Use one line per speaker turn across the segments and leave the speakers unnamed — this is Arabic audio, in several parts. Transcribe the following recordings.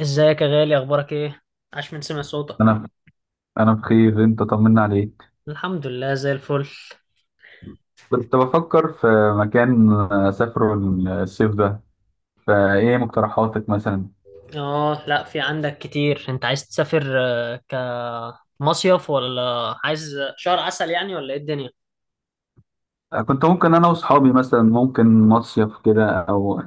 ازيك يا غالي؟ اخبارك ايه؟ عاش من سمع صوتك.
انا انا بخير، انت طمنا عليك.
الحمد لله، زي الفل.
كنت بفكر في مكان اسافره الصيف ده، فايه مقترحاتك مثلا؟
اه، لا، في عندك كتير. انت عايز تسافر؟ كمصيف ولا عايز شهر عسل، يعني، ولا ايه الدنيا؟
كنت ممكن انا واصحابي مثلا، ممكن مصيف كده، او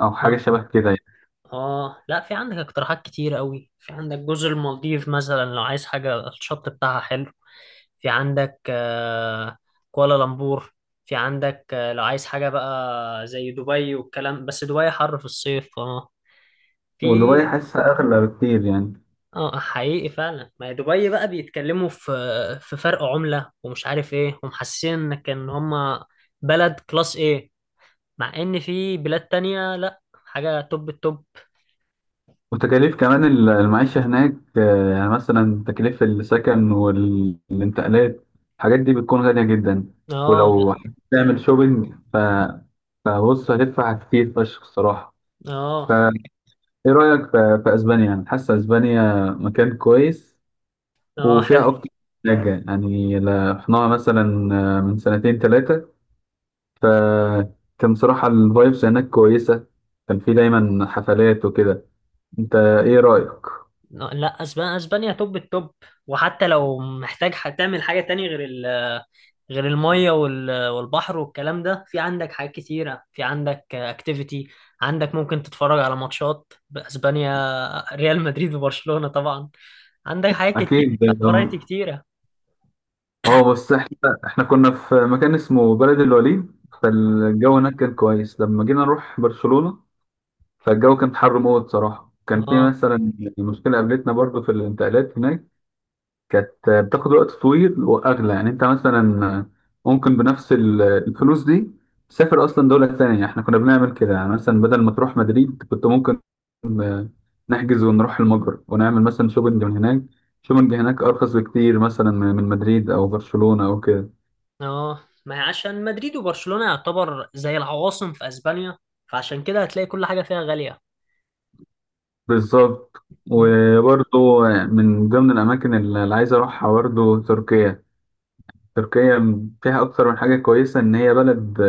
او
اه.
حاجه شبه كده يعني.
لا، في عندك اقتراحات كتير قوي. في عندك جزر المالديف مثلا، لو عايز حاجة، الشط بتاعها حلو. في عندك كوالالمبور. في عندك لو عايز حاجة بقى زي دبي والكلام، بس دبي حر في الصيف اه في.
ودبي حاسسها اغلى بكتير يعني.
اه حقيقي فعلا. ما هي دبي بقى بيتكلموا في فرق عملة، ومش عارف ايه، ومحسين انك، ان هما بلد كلاس ايه. مع ان في بلاد تانية، لا حاجة، توب التوب.
وتكاليف كمان المعيشه هناك، يعني مثلا تكاليف السكن والانتقالات، الحاجات دي بتكون غاليه جدا.
اه، لا.
ولو تعمل
مم.
شوبينج فبص هتدفع كتير فشخ الصراحه.
اه.
ايه رأيك في اسبانيا؟ يعني حاسه اسبانيا مكان كويس،
اه، حلو.
وفيها اكتر من حاجه يعني. رحناها مثلا من سنتين ثلاثه، فكان صراحه الفايبس هناك كويسه، كان في دايما حفلات وكده. انت ايه رأيك؟
لا، اسبانيا اسبانيا توب التوب. وحتى لو محتاج تعمل حاجه تانية غير ال غير الميه والبحر والكلام ده. في عندك حاجات كتيره، في عندك اكتيفيتي. عندك ممكن تتفرج على ماتشات باسبانيا، ريال مدريد وبرشلونه طبعا. عندك حاجات كتير،
اكيد اه.
فرايتي كتيره.
بس احنا كنا في مكان اسمه بلد الوليد، فالجو هناك كان كويس. لما جينا نروح برشلونة فالجو كان حر موت صراحه. كان في
اه.
مثلا مشكله قابلتنا برضو في الانتقالات هناك، كانت بتاخد وقت طويل واغلى. يعني انت مثلا ممكن بنفس الفلوس دي تسافر اصلا دوله تانية. احنا كنا بنعمل كده يعني. مثلا بدل ما تروح مدريد كنت ممكن نحجز ونروح المجر ونعمل مثلا شوبنج من هناك. شوبنج هناك ارخص بكتير مثلا من مدريد او برشلونه او كده.
اه، ما هي عشان مدريد وبرشلونه يعتبر زي العواصم في اسبانيا، فعشان كده هتلاقي كل حاجه فيها غاليه.
بالظبط.
م.
وبرضه من ضمن الاماكن اللي عايز اروحها برضه تركيا. تركيا فيها اكتر من حاجه كويسه، ان هي بلد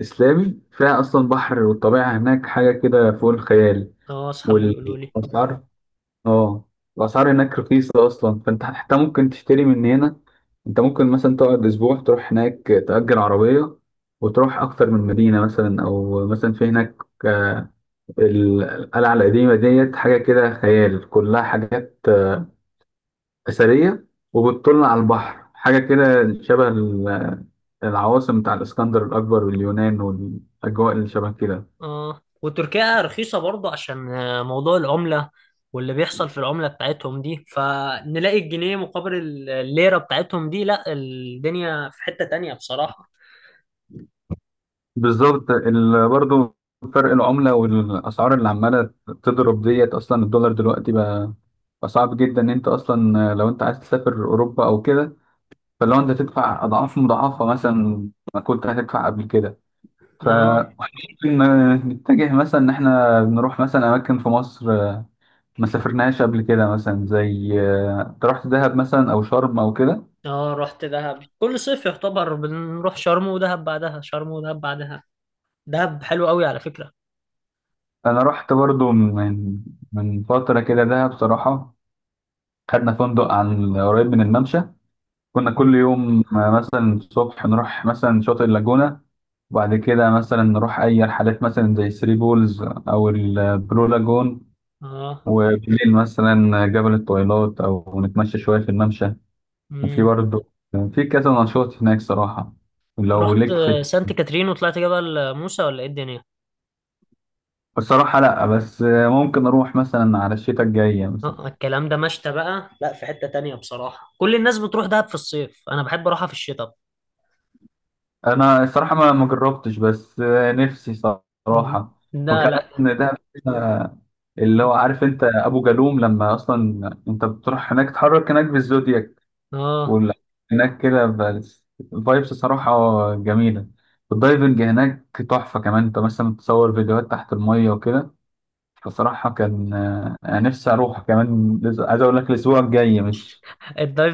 إسلامي، فيها أصلا بحر، والطبيعة هناك حاجة كده فوق الخيال.
اه، اصحابي بيقولوا لي.
والأسعار، آه، الأسعار هناك رخيصة أصلا. فأنت حتى ممكن تشتري من هنا. أنت ممكن مثلا تقعد أسبوع تروح هناك، تأجر عربية وتروح أكتر من مدينة، مثلا، أو مثلا في هناك آه، القلعة القديمة ديت، حاجة كده خيال، كلها حاجات أثرية وبتطل على البحر. حاجة كده شبه العواصم بتاع الإسكندر الأكبر واليونان والأجواء اللي شبه كده.
اه، وتركيا رخيصة برضه عشان موضوع العملة، واللي بيحصل في العملة بتاعتهم دي، فنلاقي الجنيه مقابل الليرة بتاعتهم دي، لا الدنيا في حتة تانية بصراحة.
بالظبط. برضه فرق العملة والأسعار اللي عمالة تضرب ديت، أصلا الدولار دلوقتي بقى صعب جدا. إن أنت أصلا لو أنت عايز تسافر أوروبا أو كده، فلو أنت تدفع أضعاف مضاعفة مثلا ما كنت هتدفع قبل كده.
اه.
فممكن نتجه مثلا إن إحنا نروح مثلا أماكن في مصر ما سافرناهاش قبل كده. مثلا زي، أنت رحت دهب مثلا أو شرم أو كده؟
اه، رحت دهب كل صيف. يعتبر بنروح شرم ودهب، بعدها شرم ودهب، بعدها دهب. حلو قوي على فكرة.
أنا رحت برضه من فترة كده دهب. بصراحة خدنا فندق عن قريب من الممشى. كنا كل
مم.
يوم مثلا الصبح نروح مثلا شاطئ اللاجونة، وبعد كده مثلا نروح أي رحلات مثلا زي ثري بولز أو البلو لاجون.
اه.
وبالليل مثلا جبل الطويلات أو نتمشى شوية في الممشى. وفي
مم.
برضه في كذا نشاط هناك صراحة، لو
رحت
ليك في.
سانت كاترين وطلعت جبل موسى، ولا ايه الدنيا؟
الصراحة لأ، بس ممكن أروح مثلا على الشتاء الجاية مثلا.
اه، الكلام ده مشتى بقى، لا في حتة تانية بصراحة. كل الناس بتروح دهب في الصيف، انا بحب اروحها في الشتاء.
انا الصراحه ما جربتش، بس نفسي صراحه.
لا، لا.
وكمان دهب، آه، اللي هو، عارف انت ابو جالوم؟ لما اصلا انت بتروح هناك تتحرك هناك بالزودياك.
اه،
وال- هناك كده بس الفايبس صراحه جميله. الدايفنج هناك تحفه. كمان انت مثلا تصور فيديوهات تحت الميه وكده. فصراحه كان انا نفسي اروح كمان. عايز اقول لك الاسبوع الجاي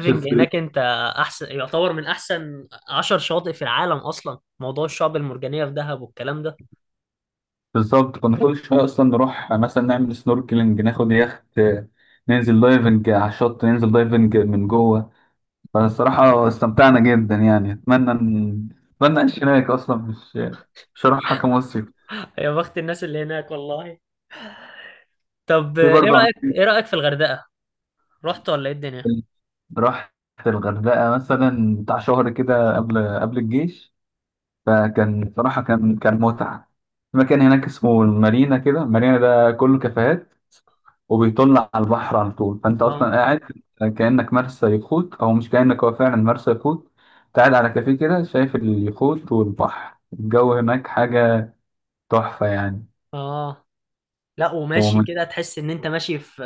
مش.
هناك انت احسن. يعتبر من احسن 10 شواطئ في العالم. اصلا موضوع الشعب المرجانية في دهب والكلام ده.
بالظبط. كنا كل شوية أصلا نروح مثلا نعمل سنوركلينج، ناخد يخت، ننزل دايفنج على الشط، ننزل دايفنج من جوه. فالصراحة استمتعنا جدا يعني. أتمنى أعيش هناك أصلا. مش هروحها كمصيف.
يا بخت الناس اللي هناك، والله. طب،
في
ايه
برضه
رأيك
أماكن.
ايه رأيك في الغردقة؟ رحت ولا ايه الدنيا؟
رحت الغردقة مثلا بتاع شهر كده، قبل الجيش. فكان صراحة كان متعة. في مكان هناك اسمه المارينا كده، المارينا ده كله كافيهات وبيطل على البحر على طول. فانت اصلا
اه.
قاعد كانك مرسى يخوت، او مش كانك، هو فعلا مرسى يخوت. أنت قاعد على كافيه كده شايف اليخوت والبحر. الجو هناك حاجه تحفه يعني.
اه، لا، وماشي
ومن،
كده تحس ان انت ماشي في،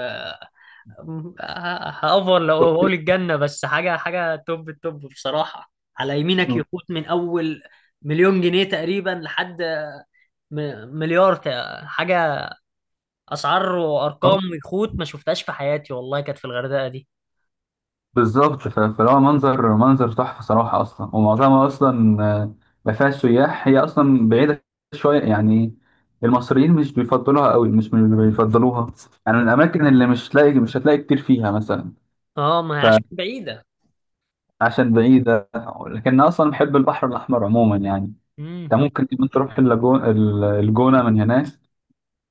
هأفور لو بقول الجنة، بس حاجة حاجة توب التوب بصراحة. على يمينك يخوت من اول مليون جنيه تقريبا لحد مليار، حاجة. اسعار وارقام ويخوت ما شفتهاش في حياتي، والله، كانت في الغردقه دي.
بالظبط. فهو منظر تحفه صراحه. اصلا ومعظمها اصلا ما فيهاش سياح، هي اصلا بعيده شويه يعني. المصريين مش بيفضلوها قوي، مش من اللي بيفضلوها يعني. من الاماكن اللي مش هتلاقي كتير فيها مثلا.
اه، ما هي عشان بعيده.
عشان بعيدة. لكن أنا أصلا بحب البحر الأحمر عموما يعني.
امم.
أنت ممكن كمان تروح اللاجون، الجونة من هناك.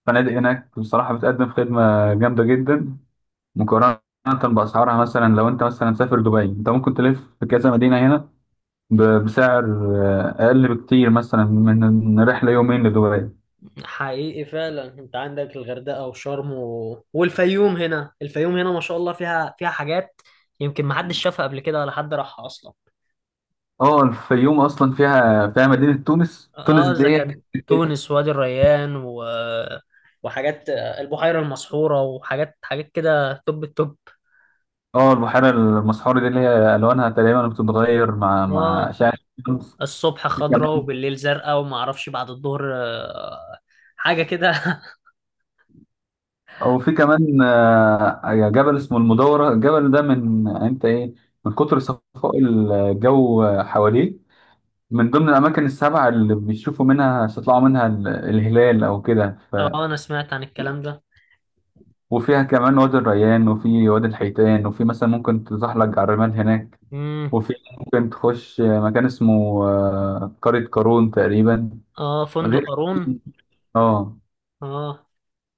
فنادق هناك بصراحة بتقدم خدمة جامدة جدا مقارنة بأسعارها. مثلا لو أنت مثلا مسافر دبي، أنت ممكن تلف في كذا مدينة هنا بسعر أقل بكتير مثلا من رحلة يومين لدبي.
حقيقي فعلا. انت عندك الغردقه وشرم والفيوم هنا. الفيوم هنا ما شاء الله، فيها حاجات يمكن ما حدش شافها قبل كده، ولا حد راحها اصلا.
أه الفيوم أصلا فيها مدينة تونس. تونس
اه، اذا
دي...
كان تونس، وادي الريان، وحاجات البحيره المسحوره، وحاجات كده، توب التوب.
اه، البحيرة المسحورة دي اللي هي ألوانها تقريبا بتتغير مع
اه،
أشعة الشمس.
الصبح خضراء وبالليل زرقاء، وما اعرفش بعد الظهر حاجه كده.
او في كمان جبل اسمه المدورة. الجبل ده من انت ايه، من كتر صفاء الجو حواليه، من ضمن الاماكن السبعة اللي بيشوفوا منها، بيطلعوا منها الهلال او كده ف...
اه، انا سمعت عن الكلام ده.
وفيها كمان وادي الريان، وفي وادي الحيتان، وفي مثلا ممكن تزحلق على الرمال هناك.
امم.
وفي ممكن تخش مكان اسمه قرية قارون تقريبا،
اه، فندق
غير.
قارون.
اه.
اه،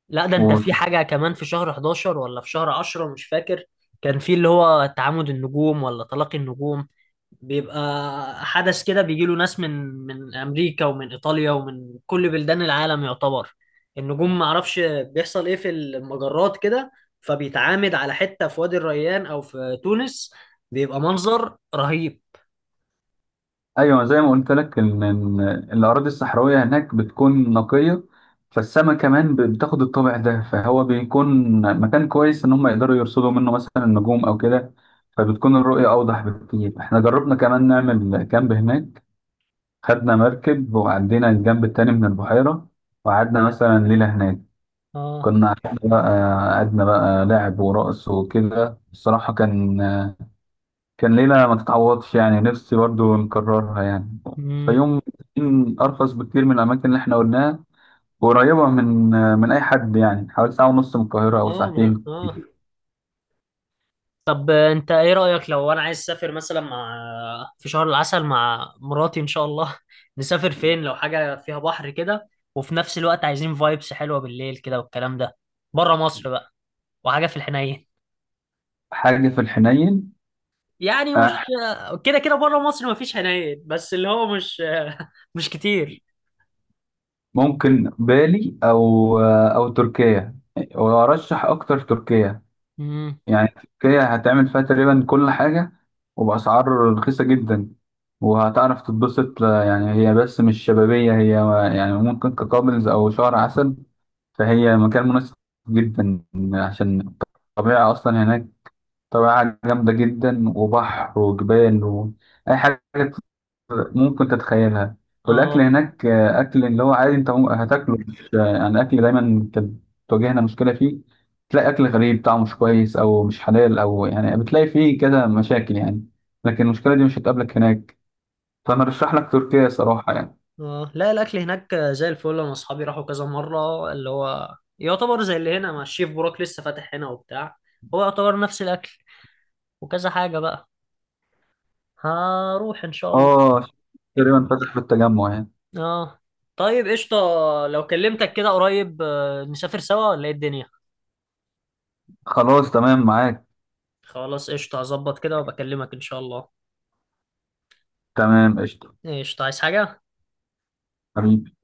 لا، ده انت في حاجة كمان في شهر 11 ولا في شهر 10، مش فاكر. كان في اللي هو تعامد النجوم، ولا تلاقي النجوم. بيبقى حدث كده. بيجي له ناس من امريكا ومن ايطاليا ومن كل بلدان العالم يعتبر. النجوم ما اعرفش بيحصل ايه في المجرات كده. فبيتعامد على حتة في وادي الريان او في تونس. بيبقى منظر رهيب.
ايوه زي ما قلت لك إن الاراضي الصحراويه هناك بتكون نقيه. فالسما كمان بتاخد الطابع ده، فهو بيكون مكان كويس ان هم يقدروا يرصدوا منه مثلا النجوم او كده. فبتكون الرؤيه اوضح بكتير. احنا جربنا كمان نعمل كامب هناك، خدنا مركب وعدينا الجنب التاني من البحيره، وقعدنا مثلا ليله هناك،
اه.
كنا قعدنا بقى، لعب ورقص وكده. الصراحه كان ليله ما تتعوضش يعني، نفسي برضو نكررها يعني.
امم.
الفيوم بتكون أرخص بكتير من الأماكن اللي إحنا قلناها، وقريبة من أي حد يعني، حوالي ساعة ونص من القاهرة أو
اه.
ساعتين.
طب، انت ايه رأيك لو انا عايز اسافر مثلا في شهر العسل مع مراتي ان شاء الله، نسافر فين لو حاجة فيها بحر كده، وفي نفس الوقت عايزين فايبس حلوة بالليل كده والكلام ده، بره مصر بقى، وحاجة في الحنين.
حاجة في الحنين.
يعني مش
أح-
كده كده بره مصر مفيش حنين، بس اللي هو مش مش كتير.
ممكن بالي أو أو تركيا، وأرشح أكتر تركيا
امم.
يعني. تركيا هتعمل فيها تقريبا كل حاجة، وبأسعار رخيصة جدا، وهتعرف تتبسط يعني. هي بس مش شبابية هي، يعني ممكن ككابلز أو شهر عسل. فهي مكان مناسب جدا، عشان الطبيعة أصلا هناك طبيعة جامدة جدا، وبحر وجبال وأي حاجة ممكن تتخيلها. والأكل
اه،
هناك أكل اللي هو عادي. أنت هتاكله. مش يعني، أكل دايما كانت تواجهنا مشكلة فيه، تلاقي أكل غريب طعمه مش كويس أو مش حلال، أو يعني بتلاقي فيه كذا مشاكل يعني. لكن المشكلة دي مش هتقابلك هناك. فأنا أرشح لك تركيا صراحة يعني.
اه، لا، الاكل هناك زي الفل. انا اصحابي راحوا كذا مرة، اللي هو يعتبر زي اللي هنا مع الشيف بوراك، لسه فاتح هنا وبتاع. هو يعتبر نفس الاكل وكذا حاجة بقى. هروح إن شاء الله.
آه. تقريبا فتح في التجمع يعني.
آه. طيب، قشطة. لو كلمتك كده قريب، نسافر سوا، ولا إيه الدنيا؟
خلاص تمام معاك.
خلاص، قشطة. هظبط كده وبكلمك إن شاء الله.
تمام قشطة.
قشطة. عايز حاجة؟
حبيبي.